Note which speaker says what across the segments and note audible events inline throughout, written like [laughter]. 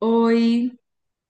Speaker 1: Oi.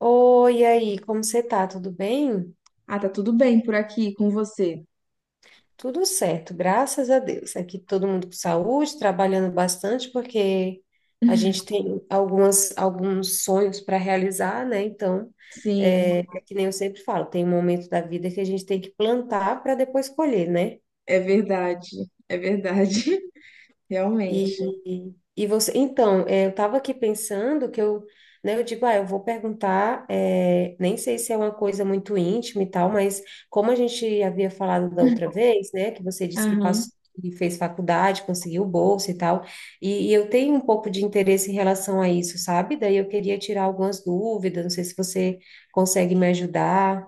Speaker 2: Oi, e aí, como você tá? Tudo bem?
Speaker 1: Ah, tá tudo bem por aqui com você?
Speaker 2: Tudo certo, graças a Deus. Aqui todo mundo com saúde, trabalhando bastante, porque a gente tem alguns sonhos para realizar, né? Então,
Speaker 1: Sim,
Speaker 2: é que nem eu sempre falo, tem um momento da vida que a gente tem que plantar para depois colher, né?
Speaker 1: é verdade. É verdade. [laughs] Realmente.
Speaker 2: E você, então, eu estava aqui pensando que eu, né, eu digo, ah, eu vou perguntar, nem sei se é uma coisa muito íntima e tal, mas como a gente havia falado da outra vez, né, que você disse que
Speaker 1: Aham.
Speaker 2: passou, que fez faculdade, conseguiu bolsa e tal, e eu tenho um pouco de interesse em relação a isso, sabe? Daí eu queria tirar algumas dúvidas, não sei se você consegue me ajudar.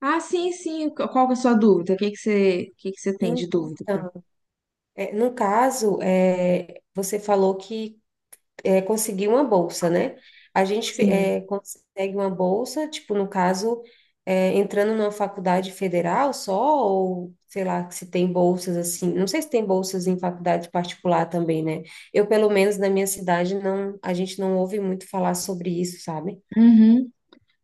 Speaker 1: Ah, sim, sim. Qual que é a sua dúvida? O que que você, o que que você tem de dúvida pra...
Speaker 2: Então, no caso, você falou que conseguir uma bolsa, né? A gente
Speaker 1: Sim.
Speaker 2: consegue uma bolsa, tipo, no caso, entrando numa faculdade federal só, ou sei lá, se tem bolsas assim. Não sei se tem bolsas em faculdade particular também, né? Eu, pelo menos na minha cidade, não, a gente não ouve muito falar sobre isso, sabe?
Speaker 1: Uhum.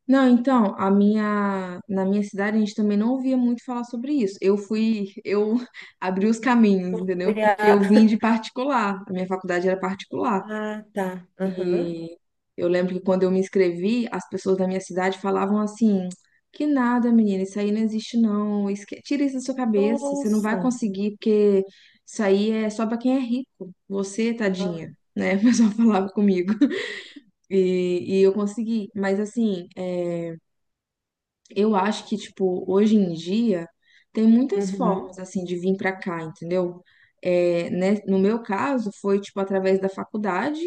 Speaker 1: Não, então, na minha cidade a gente também não ouvia muito falar sobre isso. Eu fui. Eu [laughs] abri os caminhos,
Speaker 2: Foi
Speaker 1: entendeu? Porque eu
Speaker 2: a-
Speaker 1: vim de
Speaker 2: [laughs]
Speaker 1: particular. A minha faculdade era particular.
Speaker 2: Ah, tá. Aham.
Speaker 1: E eu lembro que quando eu me inscrevi, as pessoas da minha cidade falavam assim: que nada, menina, isso aí não existe não. Tira isso da sua cabeça, você não vai
Speaker 2: Nossa.
Speaker 1: conseguir, porque isso aí é só pra quem é rico, você,
Speaker 2: Ah,
Speaker 1: tadinha, né? [laughs] O pessoal falava comigo. [laughs] E eu consegui, mas assim, é, eu acho que, tipo, hoje em dia tem muitas
Speaker 2: uhum.
Speaker 1: formas, assim, de vir pra cá, entendeu? É, né, no meu caso, foi, tipo, através da faculdade.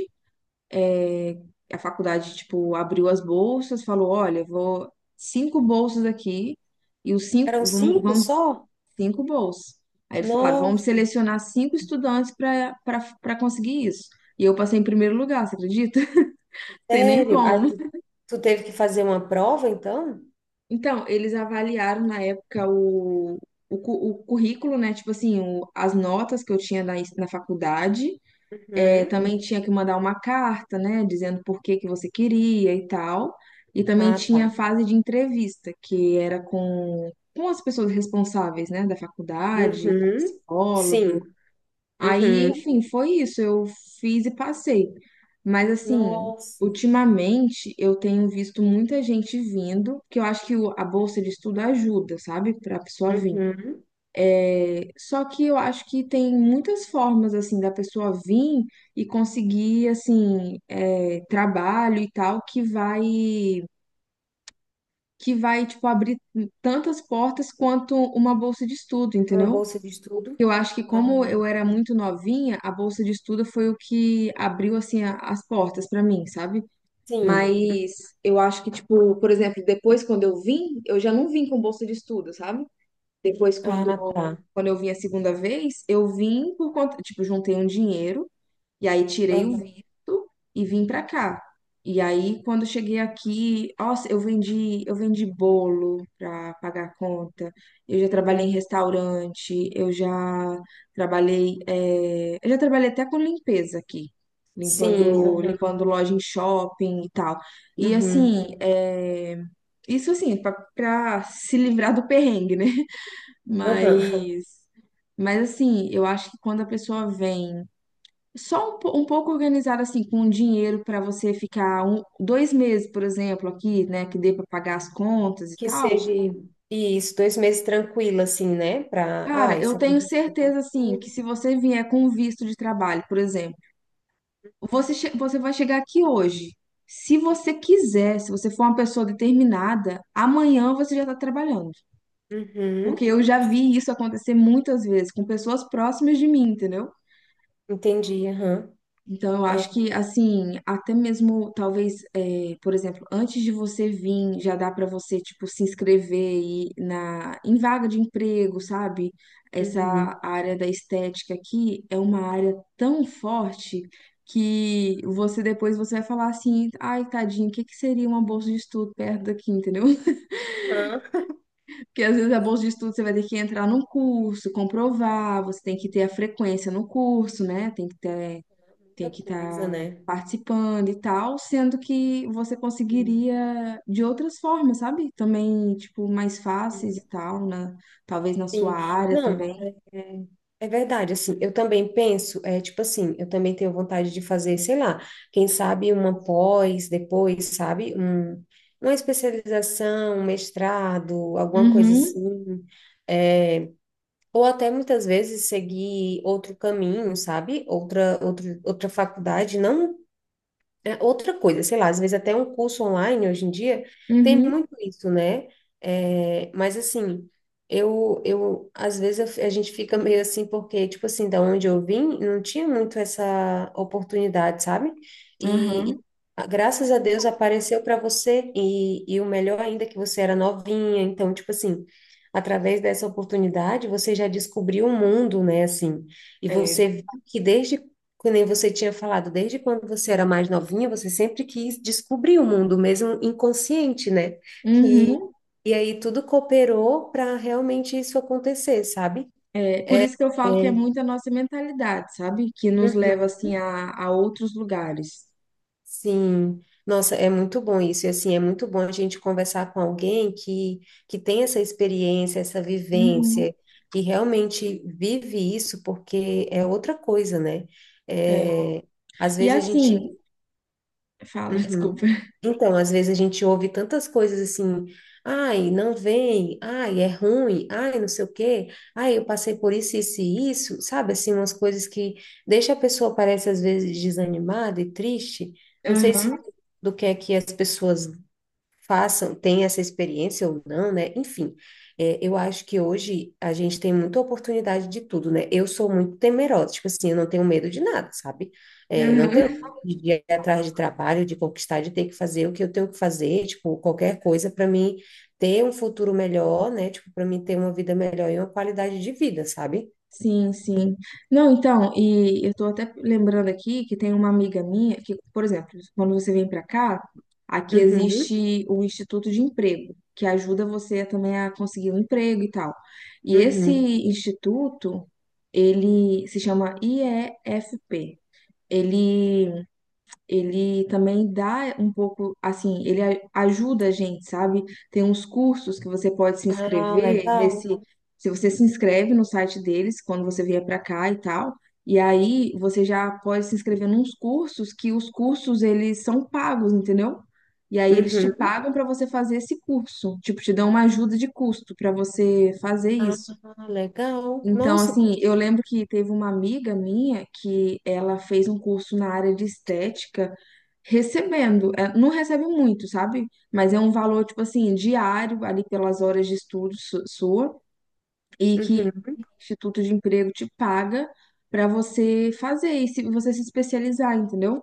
Speaker 1: A faculdade, tipo, abriu as bolsas, falou, olha, vou cinco bolsas aqui e os
Speaker 2: Eram
Speaker 1: cinco,
Speaker 2: cinco só?
Speaker 1: cinco bolsas. Aí eles falaram, vamos
Speaker 2: Nossa,
Speaker 1: selecionar cinco estudantes para conseguir isso. E eu passei em primeiro lugar, você acredita? [laughs] Tem nem
Speaker 2: sério. Ah,
Speaker 1: como.
Speaker 2: tu teve que fazer uma prova, então?
Speaker 1: Então, eles avaliaram na época o currículo, né? Tipo assim, as notas que eu tinha na faculdade. É,
Speaker 2: Uhum.
Speaker 1: também tinha que mandar uma carta, né, dizendo por que que você queria e tal. E também
Speaker 2: Ah, tá.
Speaker 1: tinha a fase de entrevista, que era com as pessoas responsáveis, né, da faculdade, com o
Speaker 2: Uhum.
Speaker 1: psicólogo.
Speaker 2: Sim.
Speaker 1: Aí,
Speaker 2: Uhum.
Speaker 1: enfim, foi isso. Eu fiz e passei. Mas, assim,
Speaker 2: Nossa.
Speaker 1: ultimamente eu tenho visto muita gente vindo, que eu acho que a bolsa de estudo ajuda, sabe, para a pessoa vir.
Speaker 2: Uhum.
Speaker 1: Só que eu acho que tem muitas formas, assim, da pessoa vir e conseguir, assim, é, trabalho e tal, tipo, abrir tantas portas quanto uma bolsa de estudo,
Speaker 2: Uma
Speaker 1: entendeu?
Speaker 2: bolsa de estudo?
Speaker 1: Eu acho que
Speaker 2: Ah,
Speaker 1: como eu era muito novinha, a bolsa de estudo foi o que abriu, assim, as portas pra mim, sabe?
Speaker 2: sim.
Speaker 1: Mas eu acho que, tipo, por exemplo, depois quando eu vim, eu já não vim com bolsa de estudo, sabe? Depois,
Speaker 2: Ah, tá.
Speaker 1: quando eu vim a segunda vez, eu vim por conta, tipo, juntei um dinheiro e aí tirei o
Speaker 2: Aham.
Speaker 1: visto e vim pra cá. E aí, quando cheguei aqui, nossa, eu vendi bolo pra pagar a conta. Eu já trabalhei
Speaker 2: Uhum.
Speaker 1: em restaurante, eu já trabalhei, eu já trabalhei até com limpeza aqui,
Speaker 2: Sim. Aham.
Speaker 1: limpando loja em shopping e tal. E
Speaker 2: Uhum.
Speaker 1: assim, isso assim, pra se livrar do perrengue, né?
Speaker 2: Aham.
Speaker 1: Mas, mas assim, eu acho que quando a pessoa vem um pouco organizada, assim, com dinheiro para você ficar um, dois meses, por exemplo, aqui, né, que dê para pagar as contas e
Speaker 2: Que
Speaker 1: tal,
Speaker 2: seja isso, 2 meses tranquilo, assim, né? Pra. Ah,
Speaker 1: cara, eu
Speaker 2: isso
Speaker 1: tenho
Speaker 2: aconteceu alguma
Speaker 1: certeza, assim,
Speaker 2: coisa.
Speaker 1: que se você vier com um visto de trabalho, por exemplo, você vai chegar aqui hoje. Se você quiser, se você for uma pessoa determinada, amanhã você já está trabalhando. Porque
Speaker 2: Uhum.
Speaker 1: eu já vi isso acontecer muitas vezes com pessoas próximas de mim, entendeu?
Speaker 2: Entendi. Aham.
Speaker 1: Então, eu acho
Speaker 2: É.
Speaker 1: que, assim, até mesmo, talvez, é, por exemplo, antes de você vir, já dá para você, tipo, se inscrever em vaga de emprego, sabe? Essa
Speaker 2: Uhum.
Speaker 1: área da estética aqui é uma área tão forte que você depois você vai falar assim, ai, tadinho, o que que seria uma bolsa de estudo perto daqui, entendeu? [laughs]
Speaker 2: Aham.
Speaker 1: Porque às vezes a bolsa de estudo você vai ter que entrar num curso, comprovar, você tem que ter a frequência no curso, né?
Speaker 2: Muita
Speaker 1: Tem que
Speaker 2: coisa,
Speaker 1: estar
Speaker 2: né?
Speaker 1: participando e tal, sendo que você
Speaker 2: Sim.
Speaker 1: conseguiria de outras formas, sabe? Também, tipo, mais fáceis
Speaker 2: Uhum.
Speaker 1: e tal, né? Talvez na sua
Speaker 2: Sim.
Speaker 1: área
Speaker 2: Não.
Speaker 1: também.
Speaker 2: É é verdade, assim, eu também penso, é tipo assim, eu também tenho vontade de fazer, sei lá, quem sabe uma pós, depois, sabe, uma especialização, um mestrado, alguma coisa
Speaker 1: Uhum,
Speaker 2: assim, é, ou até muitas vezes seguir outro caminho, sabe, outra faculdade, não é outra coisa, sei lá, às vezes até um curso online hoje em dia tem
Speaker 1: uhum,
Speaker 2: muito isso, né? É, mas assim, eu às vezes a gente fica meio assim, porque, tipo assim, da onde eu vim, não tinha muito essa oportunidade, sabe? E, e,
Speaker 1: uhum.
Speaker 2: ah, graças a Deus apareceu para você, e o melhor ainda é que você era novinha, então, tipo assim, através dessa oportunidade, você já descobriu o mundo, né? Assim, e
Speaker 1: É,
Speaker 2: você viu que desde que nem você tinha falado, desde quando você era mais novinha, você sempre quis descobrir o mundo, mesmo inconsciente, né? E,
Speaker 1: uhum,
Speaker 2: e aí tudo cooperou para realmente isso acontecer, sabe?
Speaker 1: é, por isso que eu falo que é
Speaker 2: É.
Speaker 1: muito a nossa mentalidade, sabe? Que nos
Speaker 2: Uhum.
Speaker 1: leva, assim, a outros lugares.
Speaker 2: Sim. Nossa, é muito bom isso. E assim, é muito bom a gente conversar com alguém que tem essa experiência, essa
Speaker 1: Uhum,
Speaker 2: vivência, que realmente vive isso, porque é outra coisa, né?
Speaker 1: é.
Speaker 2: É, às
Speaker 1: E
Speaker 2: vezes a gente.
Speaker 1: assim, fala, [laughs]
Speaker 2: Uhum.
Speaker 1: desculpa.
Speaker 2: Então, às vezes a gente ouve tantas coisas assim, ai, não vem, ai, é ruim, ai, não sei o quê, ai, eu passei por isso, isso e isso, sabe? Assim, umas coisas que deixa a pessoa, parece, às vezes, desanimada e triste. Não sei
Speaker 1: Aham,
Speaker 2: se do que é que as pessoas façam, tenham essa experiência ou não, né? Enfim, é, eu acho que hoje a gente tem muita oportunidade de tudo, né? Eu sou muito temerosa, tipo assim, eu não tenho medo de nada, sabe? É, não tenho
Speaker 1: aham.
Speaker 2: medo de ir atrás de trabalho, de conquistar, de ter que fazer o que eu tenho que fazer, tipo, qualquer coisa para mim ter um futuro melhor, né? Tipo, para mim ter uma vida melhor e uma qualidade de vida, sabe?
Speaker 1: Sim, sim. Não, então, e eu tô até lembrando aqui que tem uma amiga minha que, por exemplo, quando você vem pra cá, aqui
Speaker 2: Uhum,
Speaker 1: existe o Instituto de Emprego, que ajuda você também a conseguir um emprego e tal. E esse
Speaker 2: uhum.
Speaker 1: instituto, ele se chama IEFP. Ele ele também dá um pouco, assim, ele ajuda a gente, sabe? Tem uns cursos que você pode se
Speaker 2: Ah,
Speaker 1: inscrever nesse,
Speaker 2: legal.
Speaker 1: se você se inscreve no site deles quando você vier para cá e tal, e aí você já pode se inscrever nos cursos, que os cursos eles são pagos, entendeu? E aí eles te
Speaker 2: Uhum.
Speaker 1: pagam para você fazer esse curso, tipo, te dão uma ajuda de custo para você fazer
Speaker 2: Ah,
Speaker 1: isso.
Speaker 2: legal.
Speaker 1: Então,
Speaker 2: Nossa.
Speaker 1: assim, eu lembro que teve uma amiga minha que ela fez um curso na área de estética, recebendo, é, não recebe muito, sabe? Mas é um valor, tipo assim, diário, ali pelas horas de estudo sua, e que
Speaker 2: Uhum.
Speaker 1: o Instituto de Emprego te paga para você fazer e se você se especializar, entendeu?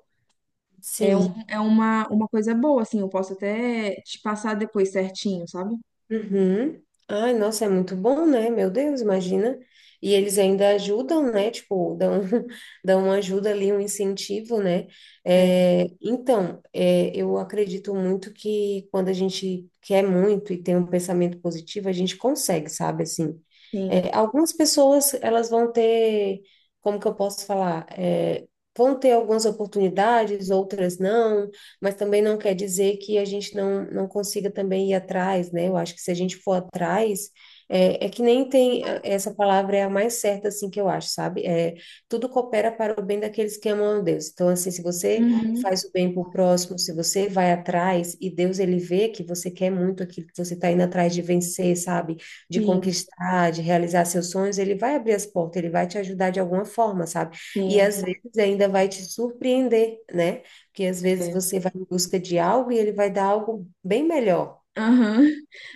Speaker 1: É, um,
Speaker 2: Sim.
Speaker 1: é uma coisa boa, assim, eu posso até te passar depois certinho, sabe?
Speaker 2: Uhum. Ai, nossa, é muito bom, né? Meu Deus, imagina. E eles ainda ajudam, né? Tipo, dão, [laughs] dão uma ajuda ali, um incentivo, né?
Speaker 1: É,
Speaker 2: Então, eu acredito muito que quando a gente quer muito e tem um pensamento positivo, a gente consegue, sabe? Assim,
Speaker 1: sim.
Speaker 2: algumas pessoas, elas vão ter, como que eu posso falar? Vão ter algumas oportunidades, outras não, mas também não quer dizer que a gente não consiga também ir atrás, né? Eu acho que se a gente for atrás, é que nem tem, essa palavra é a mais certa, assim, que eu acho, sabe? Tudo coopera para o bem daqueles que amam a Deus. Então, assim, se você
Speaker 1: Uhum,
Speaker 2: faz o bem para o próximo, se você vai atrás e Deus, ele vê que você quer muito aquilo que você está indo atrás de vencer, sabe? De
Speaker 1: sim,
Speaker 2: conquistar, de realizar seus sonhos, ele vai abrir as portas, ele vai te ajudar de alguma forma, sabe? E
Speaker 1: sim.
Speaker 2: às vezes ainda vai te surpreender, né? Porque às vezes
Speaker 1: É.
Speaker 2: você vai em busca de algo e ele vai dar algo bem melhor.
Speaker 1: Aham.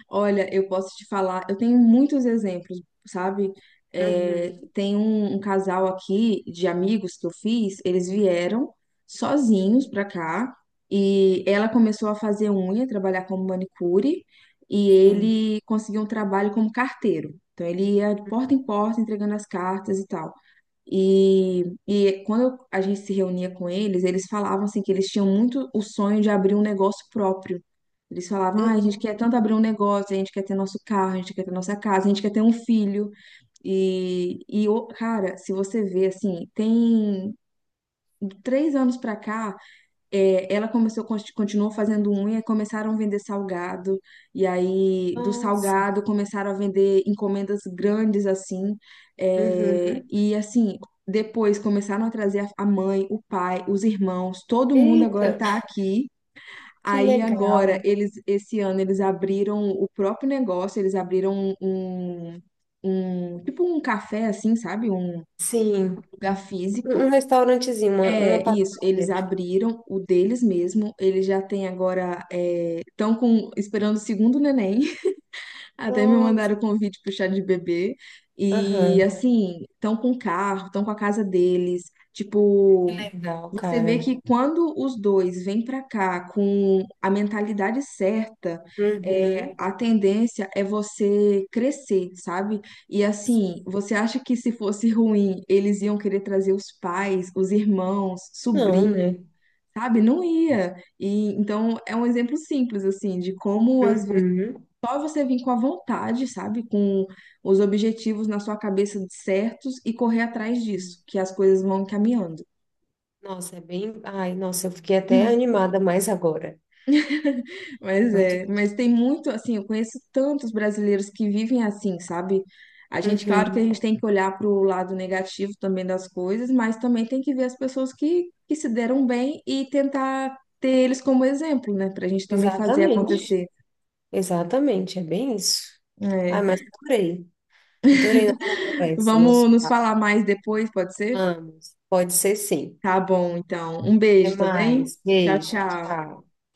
Speaker 1: Olha, eu posso te falar, eu tenho muitos exemplos, sabe? É,
Speaker 2: Uhum.
Speaker 1: tem um, um casal aqui de amigos que eu fiz, eles vieram sozinhos pra cá e ela começou a fazer unha, trabalhar como manicure e
Speaker 2: Sim.
Speaker 1: ele conseguiu um trabalho como carteiro. Então ele ia de porta em
Speaker 2: Uhum.
Speaker 1: porta entregando as cartas e tal. E quando a gente se reunia com eles, eles falavam assim que eles tinham muito o sonho de abrir um negócio próprio. Eles falavam, ah, a gente
Speaker 2: Uhum.
Speaker 1: quer tanto abrir um negócio, a gente quer ter nosso carro, a gente quer ter nossa casa, a gente quer ter um filho. E cara, se você vê assim, tem de três anos pra cá, é, ela começou, continuou fazendo unha, e começaram a vender salgado, e aí do
Speaker 2: Nossa.
Speaker 1: salgado começaram a vender encomendas grandes assim, é,
Speaker 2: Uhum.
Speaker 1: e assim, depois começaram a trazer a mãe, o pai, os irmãos, todo mundo
Speaker 2: Eita,
Speaker 1: agora tá aqui.
Speaker 2: que
Speaker 1: Aí agora,
Speaker 2: legal.
Speaker 1: eles, esse ano, eles abriram o próprio negócio, eles abriram um, um, tipo um café assim, sabe? Um
Speaker 2: Sim,
Speaker 1: lugar
Speaker 2: um
Speaker 1: físico.
Speaker 2: um restaurantezinho, uma
Speaker 1: É, isso, eles
Speaker 2: padaria. Tipo.
Speaker 1: abriram o deles mesmo, eles já têm agora, estão com, esperando o segundo neném, até me
Speaker 2: Nossa.
Speaker 1: mandaram o convite pro chá de bebê. E
Speaker 2: Aham.
Speaker 1: assim, estão com o carro, estão com a casa deles. Tipo,
Speaker 2: Que legal,
Speaker 1: você
Speaker 2: cara.
Speaker 1: vê que quando os dois vêm pra cá com a mentalidade certa, é,
Speaker 2: Uhum.
Speaker 1: a tendência é você crescer, sabe? E assim,
Speaker 2: Sim.
Speaker 1: você acha que se fosse ruim, eles iam querer trazer os pais, os irmãos,
Speaker 2: Não,
Speaker 1: sobrinhos,
Speaker 2: né?
Speaker 1: sabe? Não ia. E então é um exemplo simples assim de como às
Speaker 2: Uhum.
Speaker 1: só você vir com a vontade, sabe? Com os objetivos na sua cabeça certos e correr atrás disso, que as coisas vão caminhando.
Speaker 2: Nossa, é bem. Ai, nossa, eu fiquei até animada mais agora.
Speaker 1: [laughs] Mas
Speaker 2: Muito
Speaker 1: é,
Speaker 2: bom.
Speaker 1: mas tem muito assim, eu conheço tantos brasileiros que vivem assim, sabe? A gente, claro que a
Speaker 2: Uhum.
Speaker 1: gente tem que olhar para o lado negativo também das coisas, mas também tem que ver as pessoas que se deram bem e tentar ter eles como exemplo, né? Para a gente também fazer
Speaker 2: Exatamente.
Speaker 1: acontecer.
Speaker 2: Exatamente, é bem isso. Ai,
Speaker 1: É.
Speaker 2: mas adorei. Adorei nossa conversa,
Speaker 1: Vamos
Speaker 2: nosso
Speaker 1: nos
Speaker 2: papo.
Speaker 1: falar mais depois, pode ser?
Speaker 2: Vamos. Pode ser sim.
Speaker 1: Tá bom, então. Um beijo,
Speaker 2: Até
Speaker 1: tá bem?
Speaker 2: mais.
Speaker 1: Tchau,
Speaker 2: Beijo.
Speaker 1: tchau.
Speaker 2: Tchau.